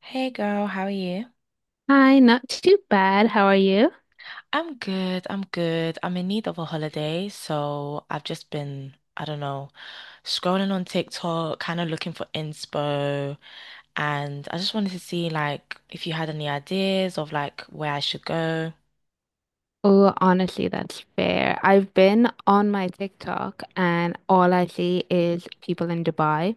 Hey girl, how are you? Hi, not too bad. How are you? I'm good. I'm good. I'm in need of a holiday, so I've just been, I don't know, scrolling on TikTok, kind of looking for inspo, and I just wanted to see like if you had any ideas of like where I should go. Oh, honestly, that's fair. I've been on my TikTok and all I see is people in Dubai.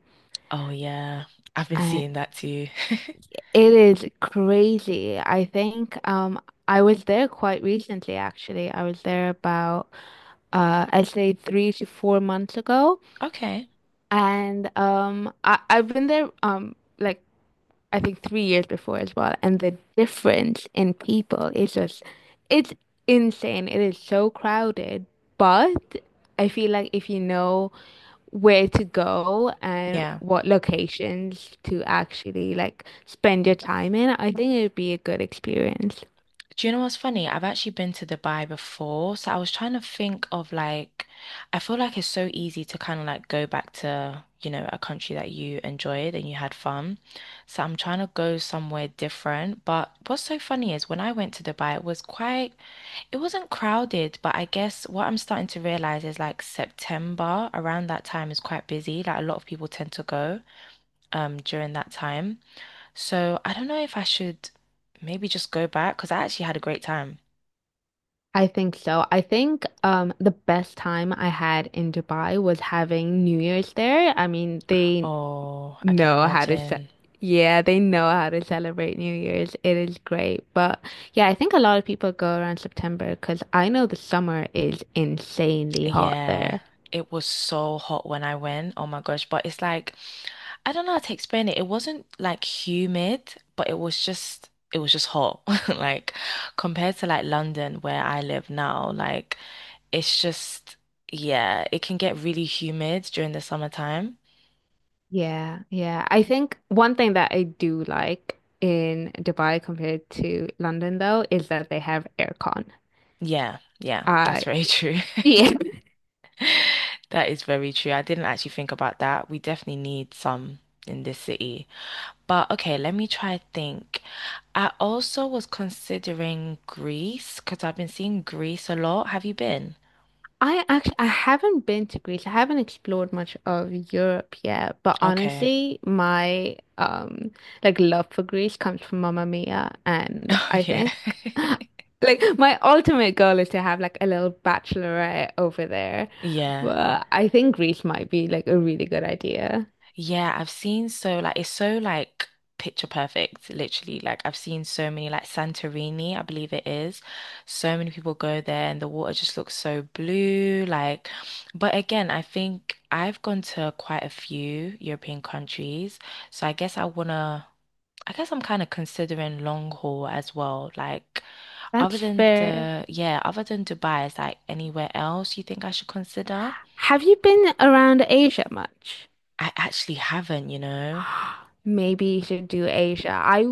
Oh yeah, I've been Uh, seeing that too. it is crazy. I think I was there quite recently actually. I was there about I'd say 3 to 4 months ago. Okay. And I've been there like I think 3 years before as well. And the difference in people is just, it's insane. It is so crowded, but I feel like if you know where to go and Yeah. what locations to actually like spend your time in, I think it would be a good experience. Do you know what's funny? I've actually been to Dubai before, so I was trying to think of like, I feel like it's so easy to kind of like go back to a country that you enjoyed and you had fun. So I'm trying to go somewhere different. But what's so funny is when I went to Dubai, it wasn't crowded, but I guess what I'm starting to realize is like September around that time is quite busy. Like a lot of people tend to go during that time. So I don't know if I should maybe just go back because I actually had a great time. I think so. I think the best time I had in Dubai was having New Year's there. I mean, they Oh, I can know how to ce- imagine. yeah, they know how to celebrate New Year's. It is great. But yeah, I think a lot of people go around September because I know the summer is insanely hot Yeah, there. it was so hot when I went. Oh my gosh. But it's like, I don't know how to explain it. It wasn't like humid, but it was just hot. Like, compared to like London where I live now, like, it's just, yeah, it can get really humid during the summertime. Yeah, yeah. I think one thing that I do like in Dubai compared to London though is that they have aircon. Yeah, yeah, that's I very true. yeah. That is very true. I didn't actually think about that. We definitely need some in this city. But okay, let me try think. I also was considering Greece because I've been seeing Greece a lot. Have you been? I actually I haven't been to Greece. I haven't explored much of Europe yet, but Okay. honestly, my like love for Greece comes from Mamma Mia, and Oh I yeah. think like my ultimate goal is to have like a little bachelorette over there. Yeah. But I think Greece might be like a really good idea. Yeah, I've seen so like it's so like picture perfect, literally. Like I've seen so many like Santorini, I believe it is. So many people go there and the water just looks so blue, like but again, I think I've gone to quite a few European countries, so I guess I'm kind of considering long haul as well. Like, That's fair. Yeah, other than Dubai, is like anywhere else you think I should consider? Have you been around Asia much? I actually haven't, you know? Maybe you should do Asia. I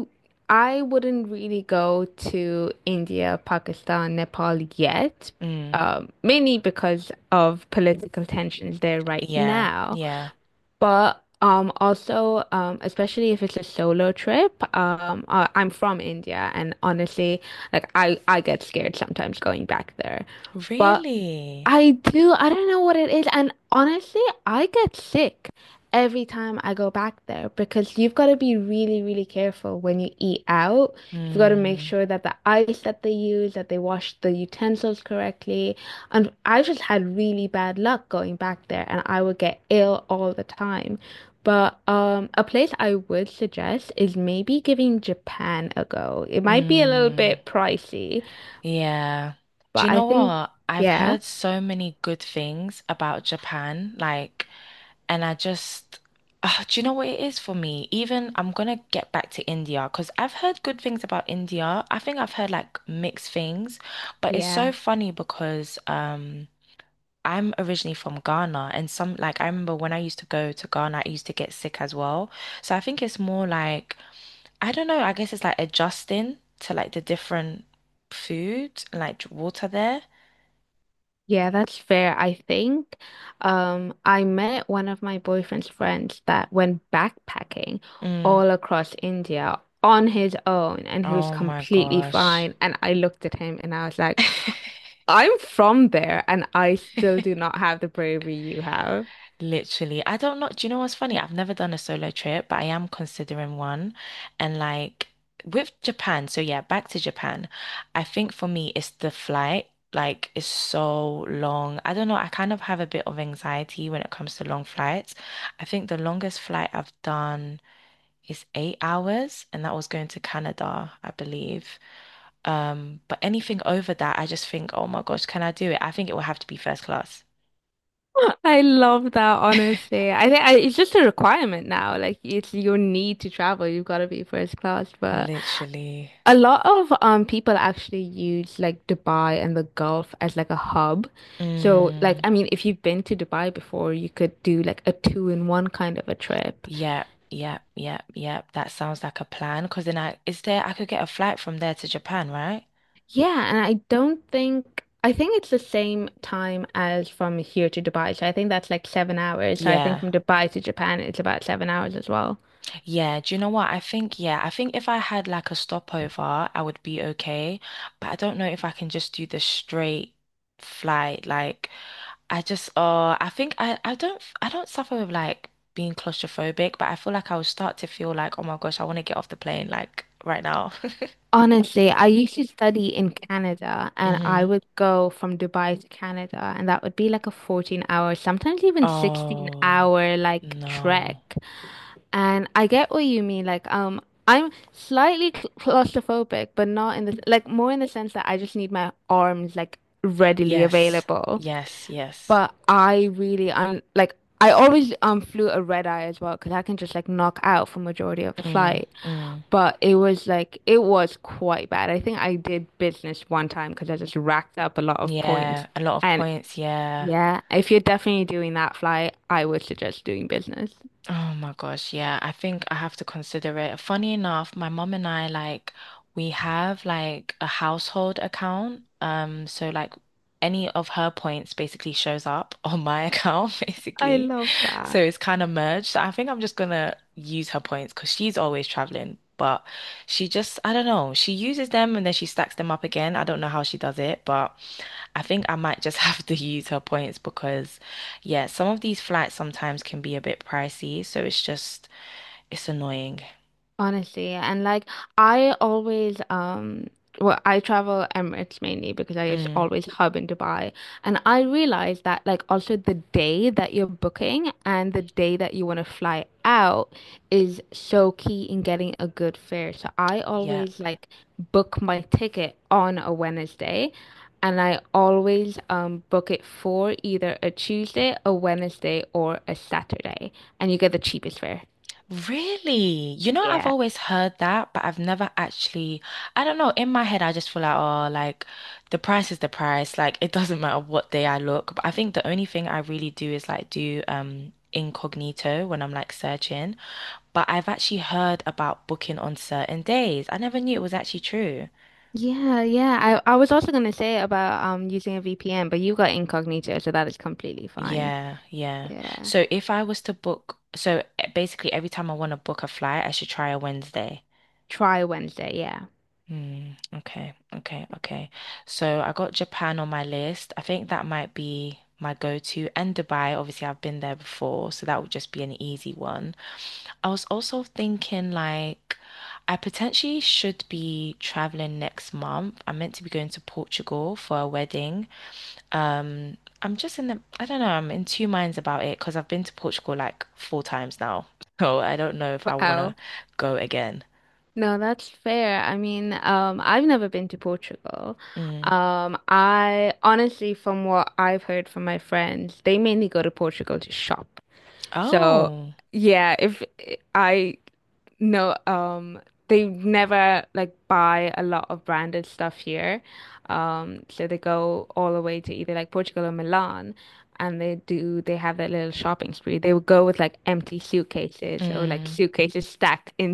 I wouldn't really go to India, Pakistan, Nepal yet, Mm, mainly because of political tensions there right yeah, now. yeah. But also, especially if it's a solo trip, I'm from India, and honestly, like I get scared sometimes going back there. But Really? I do. I don't know what it is. And honestly, I get sick every time I go back there because you've got to be really, really careful when you eat out. You've got to make Mm, sure that the ice that they use, that they wash the utensils correctly. And I just had really bad luck going back there and I would get ill all the time. But a place I would suggest is maybe giving Japan a go. It might be a little mm, bit pricey, yeah. Do you but I know think, what? I've yeah, heard so many good things about Japan. Like, And I just, ah, do you know what it is for me? Even I'm gonna get back to India because I've heard good things about India. I think I've heard like mixed things, but it's so yeah. funny because I'm originally from Ghana and some like I remember when I used to go to Ghana, I used to get sick as well. So I think it's more like I don't know, I guess it's like adjusting to like the different food and like water there. Yeah, that's fair, I think. I met one of my boyfriend's friends that went backpacking Mm. all across India on his own, and he was Oh my completely gosh. fine. And I looked at him and I was like, I'm from there, and I still do not have the bravery you have. Literally, I don't know. Do you know what's funny? I've never done a solo trip, but I am considering one. And like with Japan, so yeah, back to Japan. I think for me, it's the flight. Like, it's so long. I don't know. I kind of have a bit of anxiety when it comes to long flights. I think the longest flight I've done is 8 hours, and that was going to Canada, I believe. But anything over that, I just think, oh my gosh, can I do it? I think it will have to be first class. I love that, honestly. It's just a requirement now. Like, it's your need to travel. You've got to be first class, but. Literally. A lot of people actually use like Dubai and the Gulf as like a hub. So like Mm. I mean if you've been to Dubai before, you could do like a two in one kind of a trip. Yep, yep, yep, yep. That sounds like a plan. Because then I, is there, I could get a flight from there to Japan, right? Yeah, and I don't think I think it's the same time as from here to Dubai. So I think that's like 7 hours. So I think Yeah. from Dubai to Japan it's about 7 hours as well. Yeah. Do you know what? I think, yeah, I think if I had like a stopover, I would be okay. But I don't know if I can just do the straight flight. Like, I just, I think I don't suffer with like being claustrophobic, but I feel like I will start to feel like, oh my gosh, I want to get off the plane like right now. Honestly, I used to study in Canada and I Mm-hmm. would go from Dubai to Canada and that would be like a 14-hour, sometimes even 16 Oh, hour like trek. no. And I get what you mean. Like, I'm slightly claustrophobic, but not in the like more in the sense that I just need my arms like readily Yes. available. Yes. Yes. But I really, I'm like, I always flew a red eye as well because I can just like knock out for majority of the Mm, flight. mm. But it was like it was quite bad. I think I did business one time because I just racked up a lot of points. Yeah. A lot of And points. Yeah. yeah, if you're definitely doing that flight, I would suggest doing business. Oh my gosh, yeah. I think I have to consider it. Funny enough, my mom and I like we have like a household account. So like any of her points basically shows up on my account, I basically. love So that. it's kind of merged. So I think I'm just gonna use her points because she's always traveling. But she just, I don't know, she uses them and then she stacks them up again. I don't know how she does it, but I think I might just have to use her points because, yeah, some of these flights sometimes can be a bit pricey, so it's just it's annoying. Honestly, and like I always well I travel Emirates mainly because I just Mm, always hub in Dubai and I realized that like also the day that you're booking and the day that you want to fly out is so key in getting a good fare. So I yeah. always like book my ticket on a Wednesday and I always book it for either a Tuesday, a Wednesday or a Saturday and you get the cheapest fare. Really? You know, I've Yeah. always heard that, but I've never actually, I don't know, in my head I just feel like, oh, like the price is the price, like it doesn't matter what day I look. But I think the only thing I really do is like do incognito when I'm like searching. But I've actually heard about booking on certain days. I never knew it was actually true. Yeah, yeah. I was also gonna say about using a VPN, but you got incognito, so that is completely fine. Yeah, yeah. Yeah. So if I was to book, basically every time I want to book a flight, I should try a Wednesday. Try Wednesday, yeah. Mm, okay, okay, okay. So I got Japan on my list. I think that might be my go-to. And Dubai, obviously I've been there before, so that would just be an easy one. I was also thinking like I potentially should be traveling next month. I'm meant to be going to Portugal for a wedding. I don't know, I'm in two minds about it because I've been to Portugal like four times now. So I don't know if I want Wow. to go again. No, that's fair. I mean, I've never been to Portugal. Mm. I honestly, from what I've heard from my friends, they mainly go to Portugal to shop. So, Oh. yeah, if I no, they never like buy a lot of branded stuff here. So they go all the way to either like Portugal or Milan and they have that little shopping spree. They would go with like empty suitcases or like Mm. suitcases stacked in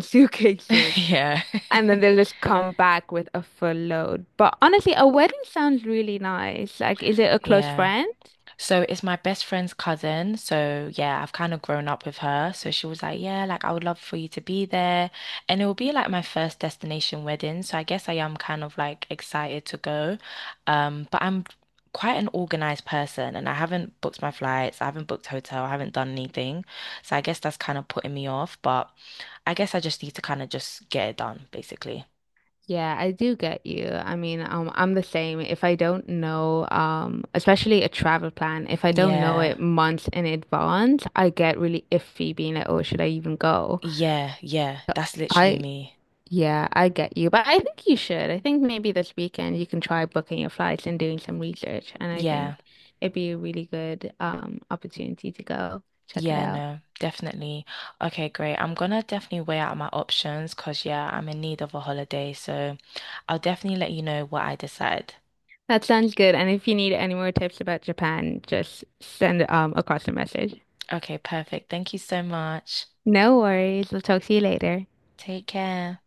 suitcases Yeah. and then they'll just come back with a full load. But honestly, a wedding sounds really nice. Like, is it a close Yeah. friend? So it's my best friend's cousin. So yeah, I've kind of grown up with her. So she was like, yeah, like I would love for you to be there. And it will be like my first destination wedding. So I guess I am kind of like excited to go. But I'm quite an organized person and I haven't booked my flights, I haven't booked hotel, I haven't done anything. So I guess that's kind of putting me off, but I guess I just need to kind of just get it done, basically. Yeah, I do get you. I mean, I'm the same. If I don't know, especially a travel plan, if I don't know Yeah. it months in advance, I get really iffy being like, oh, should I even go? Yeah, yeah. So That's literally I, me. yeah, I get you. But I think you should. I think maybe this weekend you can try booking your flights and doing some research. And I Yeah. think it'd be a really good, opportunity to go check it Yeah, out. no, definitely. Okay, great. I'm gonna definitely weigh out my options because, yeah, I'm in need of a holiday. So I'll definitely let you know what I decide. That sounds good. And if you need any more tips about Japan, just send across a message. Okay, perfect. Thank you so much. No worries. We'll talk to you later. Take care.